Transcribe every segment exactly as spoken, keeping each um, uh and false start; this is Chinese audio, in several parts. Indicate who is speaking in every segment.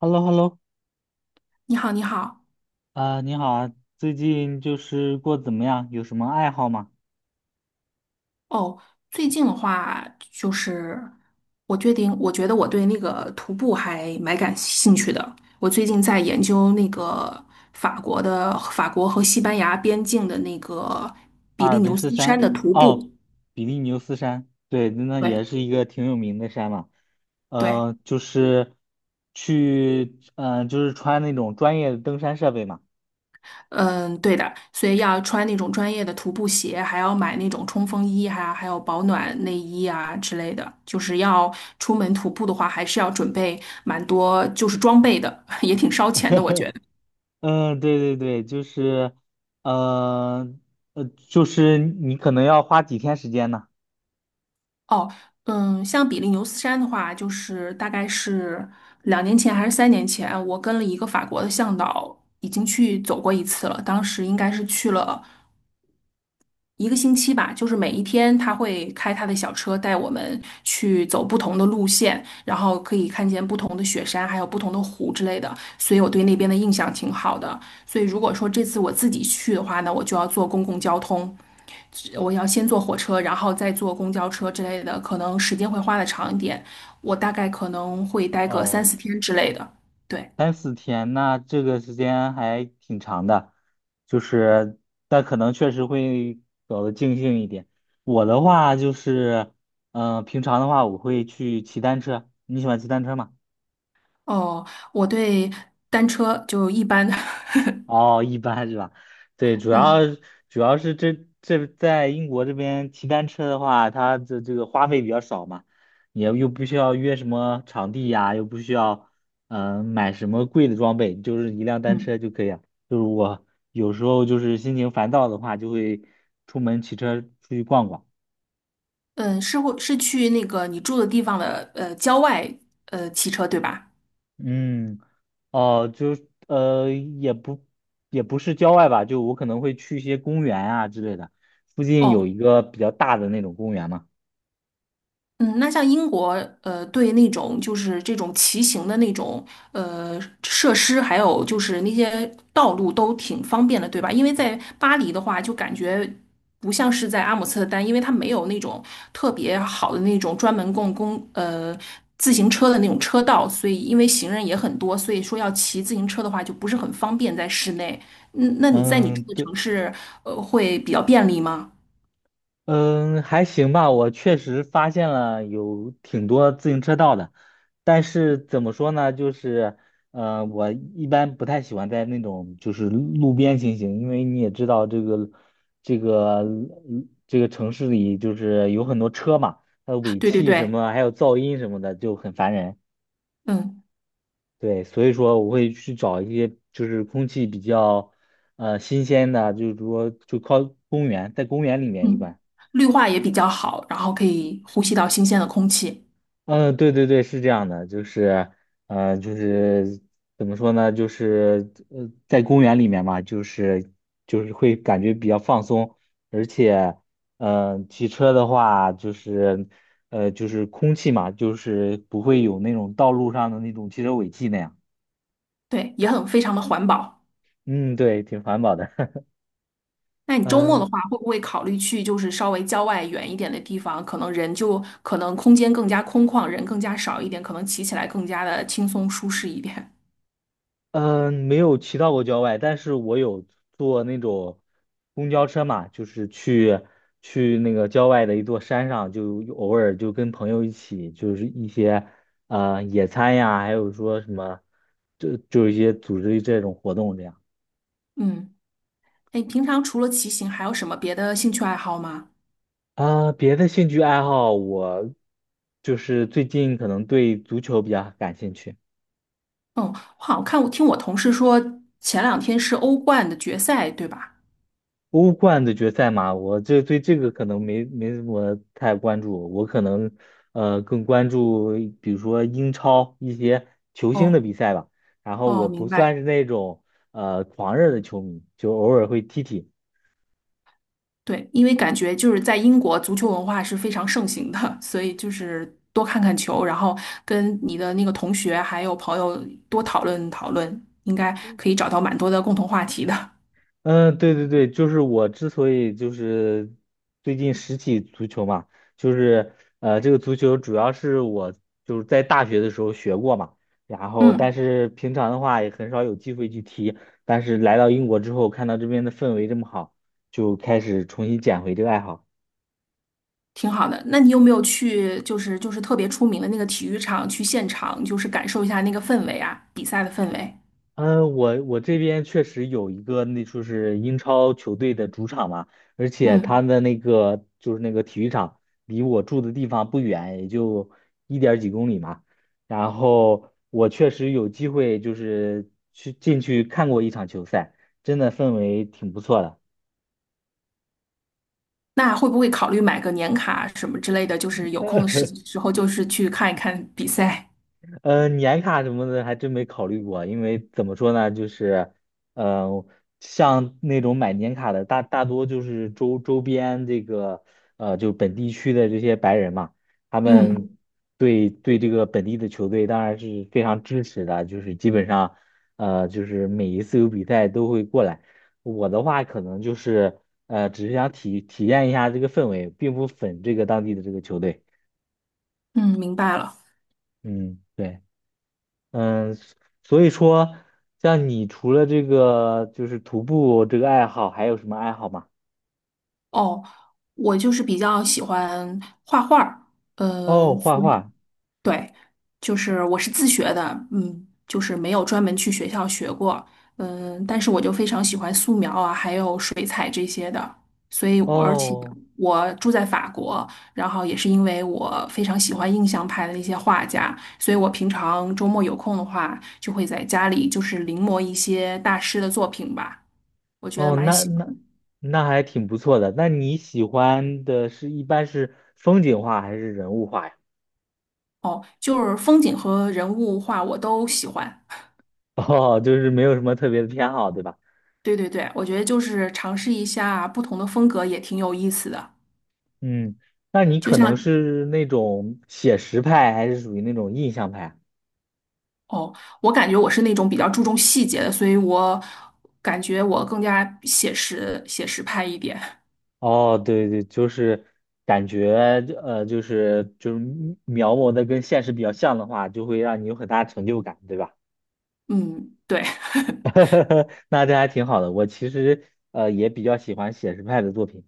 Speaker 1: h e l l o h e l l o
Speaker 2: 你好，你好。
Speaker 1: 呃，你好啊，最近就是过得怎么样？有什么爱好吗？
Speaker 2: 哦，最近的话，就是我决定，我觉得我对那个徒步还蛮感兴趣的。我最近在研究那个法国的法国和西班牙边境的那个
Speaker 1: 阿
Speaker 2: 比
Speaker 1: 尔
Speaker 2: 利
Speaker 1: 卑
Speaker 2: 牛
Speaker 1: 斯
Speaker 2: 斯山
Speaker 1: 山，
Speaker 2: 的徒步。
Speaker 1: 哦，比利牛斯山，对，那也是
Speaker 2: 对
Speaker 1: 一个挺有名的山嘛。
Speaker 2: 对。
Speaker 1: 呃，就是去，呃，就是穿那种专业的登山设备嘛。
Speaker 2: 嗯，对的，所以要穿那种专业的徒步鞋，还要买那种冲锋衣啊，还有保暖内衣啊之类的。就是要出门徒步的话，还是要准备蛮多，就是装备的，也挺烧钱的，我觉得。
Speaker 1: 嗯，对对对，就是，呃，呃，就是你可能要花几天时间呢。
Speaker 2: 哦，嗯，像比利牛斯山的话，就是大概是两年前还是三年前，我跟了一个法国的向导，已经去走过一次了。当时应该是去了一个星期吧，就是每一天他会开他的小车带我们去走不同的路线，然后可以看见不同的雪山，还有不同的湖之类的，所以我对那边的印象挺好的。所以如果说这次我自己去的话呢，我就要坐公共交通，我要先坐火车，然后再坐公交车之类的，可能时间会花的长一点，我大概可能会待个三
Speaker 1: 哦。
Speaker 2: 四天之类的。对，
Speaker 1: 三四天，那这个时间还挺长的，就是，但可能确实会搞得尽兴一点。我的话就是，嗯、平常的话我会去骑单车，你喜欢骑单车吗？
Speaker 2: 哦，我对单车就一般，
Speaker 1: 哦，一般是吧？对，主要
Speaker 2: 嗯。
Speaker 1: 主要是这这在英国这边骑单车的话，它这这个花费比较少嘛，你又又不需要约什么场地呀，又不需要嗯、呃买什么贵的装备，就是一辆单车
Speaker 2: 嗯。
Speaker 1: 就可以了。就是我有时候就是心情烦躁的话，就会出门骑车出去逛逛。
Speaker 2: 嗯，是会是去那个你住的地方的呃郊外呃骑车对吧？
Speaker 1: 嗯，哦，就是呃，也不也不是郊外吧，就我可能会去一些公园啊之类的。附近有
Speaker 2: 哦，
Speaker 1: 一个比较大的那种公园嘛。
Speaker 2: 嗯，那像英国，呃，对那种就是这种骑行的那种呃设施，还有就是那些道路都挺方便的，对吧？因为在巴黎的话，就感觉不像是在阿姆斯特丹，因为它没有那种特别好的那种专门供公呃自行车的那种车道，所以因为行人也很多，所以说要骑自行车的话就不是很方便在室内。嗯，那你在你住
Speaker 1: 嗯，
Speaker 2: 的城
Speaker 1: 对，
Speaker 2: 市，呃，会比较便利吗？
Speaker 1: 嗯，还行吧。我确实发现了有挺多自行车道的，但是怎么说呢，就是，呃，我一般不太喜欢在那种就是路边行行，因为你也知道这个，这个，嗯这个城市里就是有很多车嘛，它的 尾
Speaker 2: 对对
Speaker 1: 气什
Speaker 2: 对，
Speaker 1: 么，还有噪音什么的就很烦人。
Speaker 2: 嗯。
Speaker 1: 对，所以说我会去找一些就是空气比较，呃，新鲜的，就是说就靠公园，在公园里面一
Speaker 2: 嗯，
Speaker 1: 般。
Speaker 2: 绿化也比较好，然后可以呼吸到新鲜的空气，
Speaker 1: 嗯，对对对，是这样的，就是，呃，就是怎么说呢，就是呃，在公园里面嘛，就是就是会感觉比较放松，而且，呃，骑车的话，就是，呃，就是空气嘛，就是不会有那种道路上的那种汽车尾气那样。
Speaker 2: 对，也很非常的环保。
Speaker 1: 嗯，对，挺环保的。
Speaker 2: 那 你周末的
Speaker 1: 嗯。
Speaker 2: 话，会不会考虑去就是稍微郊外远一点的地方？可能人就可能空间更加空旷，人更加少一点，可能骑起来更加的轻松舒适一点。
Speaker 1: 嗯，没有骑到过郊外，但是我有坐那种公交车嘛，就是去去那个郊外的一座山上，就偶尔就跟朋友一起，就是一些呃野餐呀，还有说什么，就就一些组织这种活动这样。
Speaker 2: 嗯，哎，平常除了骑行，还有什么别的兴趣爱好吗？
Speaker 1: 啊、别的兴趣爱好我就是最近可能对足球比较感兴趣。
Speaker 2: 嗯，我好像看，我听我同事说前两天是欧冠的决赛，对吧？
Speaker 1: 欧冠的决赛嘛，我这对这个可能没没怎么太关注，我可能呃更关注比如说英超一些球星的
Speaker 2: 哦
Speaker 1: 比赛吧。然后
Speaker 2: 哦，
Speaker 1: 我不
Speaker 2: 明
Speaker 1: 算
Speaker 2: 白。
Speaker 1: 是那种呃狂热的球迷，就偶尔会踢踢。
Speaker 2: 对，因为感觉就是在英国足球文化是非常盛行的，所以就是多看看球，然后跟你的那个同学还有朋友多讨论讨论，应该可以找到蛮多的共同话题的。
Speaker 1: 嗯，对对对，就是我之所以就是最近拾起足球嘛，就是呃，这个足球主要是我就是在大学的时候学过嘛，然后但
Speaker 2: 嗯，
Speaker 1: 是平常的话也很少有机会去踢，但是来到英国之后，看到这边的氛围这么好，就开始重新捡回这个爱好。
Speaker 2: 挺好的。那你有没有去就是就是特别出名的那个体育场去现场，就是感受一下那个氛围啊，比赛的氛围？
Speaker 1: 嗯，我我这边确实有一个，那就是英超球队的主场嘛，而且他
Speaker 2: 嗯，
Speaker 1: 的那个就是那个体育场离我住的地方不远，也就一点儿几公里嘛。然后我确实有机会就是去进去看过一场球赛，真的氛围挺不错的。
Speaker 2: 那会不会考虑买个年卡什么之类的？就是有空的时 时候就是去看一看比赛。
Speaker 1: 呃，年卡什么的还真没考虑过，因为怎么说呢，就是，呃，像那种买年卡的大大多就是周周边这个，呃，就本地区的这些白人嘛，他
Speaker 2: 嗯
Speaker 1: 们对对这个本地的球队当然是非常支持的，就是基本上，呃，就是每一次有比赛都会过来。我的话可能就是，呃，只是想体体验一下这个氛围，并不粉这个当地的这个球队。
Speaker 2: 嗯，明白了。
Speaker 1: 嗯，对。嗯，所以说，像你除了这个就是徒步这个爱好，还有什么爱好吗？
Speaker 2: 哦，我就是比较喜欢画画儿，
Speaker 1: 哦，
Speaker 2: 嗯，
Speaker 1: 画
Speaker 2: 所以
Speaker 1: 画。
Speaker 2: 对，就是我是自学的，嗯，就是没有专门去学校学过，嗯，但是我就非常喜欢素描啊，还有水彩这些的，所以而且
Speaker 1: 哦
Speaker 2: 我住在法国，然后也是因为我非常喜欢印象派的那些画家，所以我平常周末有空的话，就会在家里就是临摹一些大师的作品吧，我觉得
Speaker 1: 哦，
Speaker 2: 蛮
Speaker 1: 那
Speaker 2: 喜
Speaker 1: 那
Speaker 2: 欢。
Speaker 1: 那还挺不错的。那你喜欢的是一般是风景画还是人物画呀？
Speaker 2: 哦，就是风景和人物画我都喜欢。
Speaker 1: 哦，就是没有什么特别的偏好，对吧？
Speaker 2: 对对对，我觉得就是尝试一下不同的风格也挺有意思的。
Speaker 1: 嗯，那你
Speaker 2: 就
Speaker 1: 可能
Speaker 2: 像
Speaker 1: 是那种写实派，还是属于那种印象派啊？
Speaker 2: 哦，我感觉我是那种比较注重细节的，所以我感觉我更加写实写实派一点。
Speaker 1: 哦，对对，就是感觉呃，就是就是描摹的跟现实比较像的话，就会让你有很大成就感，对吧？
Speaker 2: 嗯，对。
Speaker 1: 那这还挺好的。我其实呃也比较喜欢写实派的作品。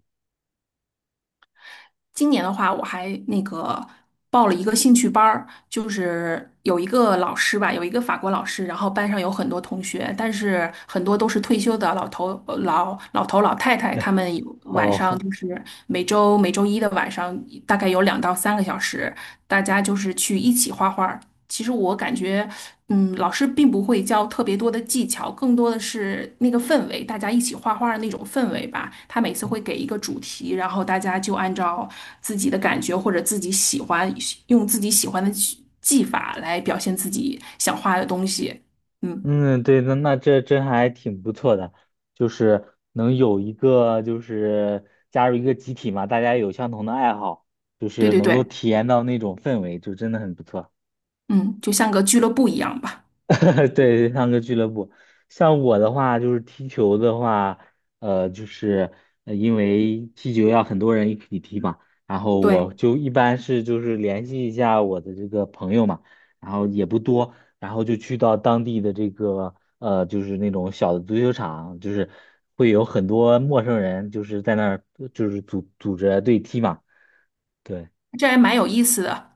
Speaker 2: 今年的话，我还那个报了一个兴趣班儿，就是有一个老师吧，有一个法国老师，然后班上有很多同学，但是很多都是退休的老头、呃老老头、老太太，他们有晚上
Speaker 1: 哦，
Speaker 2: 就是每周每周一的晚上，大概有两到三个小时，大家就是去一起画画。其实我感觉，嗯，老师并不会教特别多的技巧，更多的是那个氛围，大家一起画画的那种氛围吧。他每次会给一个主题，然后大家就按照自己的感觉或者自己喜欢，用自己喜欢的技技法来表现自己想画的东西。嗯，
Speaker 1: 嗯，对，那那这这还挺不错的，就是能有一个就是加入一个集体嘛，大家有相同的爱好，就
Speaker 2: 对
Speaker 1: 是
Speaker 2: 对
Speaker 1: 能够
Speaker 2: 对，
Speaker 1: 体验到那种氛围，就真的很不错。
Speaker 2: 嗯，就像个俱乐部一样吧。
Speaker 1: 对，对，上个俱乐部，像我的话就是踢球的话，呃，就是呃因为踢球要很多人一起踢嘛，然后
Speaker 2: 对，
Speaker 1: 我就一般是就是联系一下我的这个朋友嘛，然后也不多，然后就去到当地的这个呃，就是那种小的足球场，就是会有很多陌生人，就是在那儿就是组组织队踢嘛，对。
Speaker 2: 这还蛮有意思的。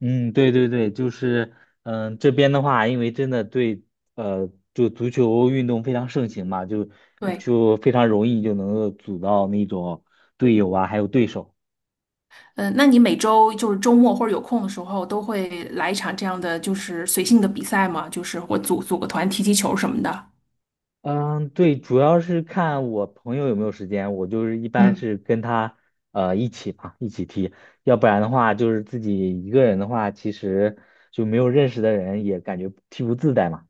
Speaker 1: 嗯，对对对，就是，嗯，这边的话，因为真的对，呃，就足球运动非常盛行嘛，就
Speaker 2: 对。
Speaker 1: 就非常容易就能够组到那种队友啊，还有对手。
Speaker 2: 嗯，那你每周就是周末或者有空的时候，都会来一场这样的就是随性的比赛吗？就是我组组个团踢踢球什么的。
Speaker 1: 嗯，对，主要是看我朋友有没有时间，我就是一般
Speaker 2: 嗯
Speaker 1: 是跟他呃一起嘛，一起踢，要不然的话就是自己一个人的话，其实就没有认识的人也感觉踢不自在嘛。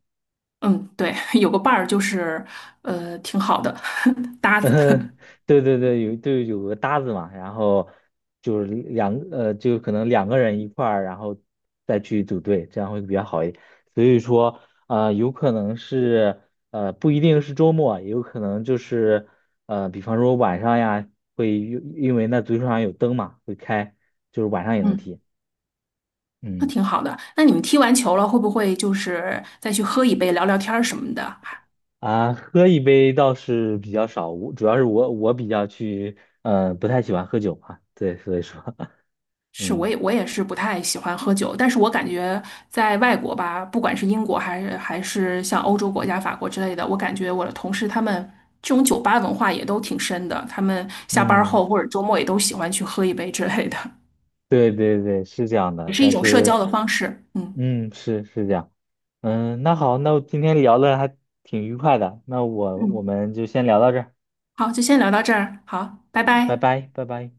Speaker 2: 嗯，对，有个伴儿就是呃挺好的
Speaker 1: 嗯，
Speaker 2: 搭子。
Speaker 1: 对对对，有对有个搭子嘛，然后就是两呃，就可能两个人一块儿，然后再去组队，这样会比较好一点。所以说，呃，有可能是呃，不一定是周末，也有可能就是呃，比方说晚上呀，会因因为那足球场有灯嘛，会开，就是晚上也 能
Speaker 2: 嗯，
Speaker 1: 踢。
Speaker 2: 那
Speaker 1: 嗯
Speaker 2: 挺好的。那你们踢完球了，会不会就是再去喝一杯、聊聊天儿什么的？
Speaker 1: 啊，喝一杯倒是比较少，我主要是我我比较去呃，不太喜欢喝酒嘛，对，所以说
Speaker 2: 是，我
Speaker 1: 嗯。
Speaker 2: 也我也是不太喜欢喝酒，但是我感觉在外国吧，不管是英国还是还是像欧洲国家，法国之类的，我感觉我的同事他们这种酒吧文化也都挺深的，他们下班
Speaker 1: 嗯，
Speaker 2: 后或者周末也都喜欢去喝一杯之类的，
Speaker 1: 对对对，是这样
Speaker 2: 也
Speaker 1: 的，
Speaker 2: 是一
Speaker 1: 但
Speaker 2: 种社交
Speaker 1: 是，
Speaker 2: 的方式。嗯
Speaker 1: 嗯，是是这样，嗯，那好，那我今天聊的还挺愉快的，那我我
Speaker 2: 嗯，
Speaker 1: 们就先聊到这儿，
Speaker 2: 好，就先聊到这儿，好，拜
Speaker 1: 拜
Speaker 2: 拜。
Speaker 1: 拜，拜拜。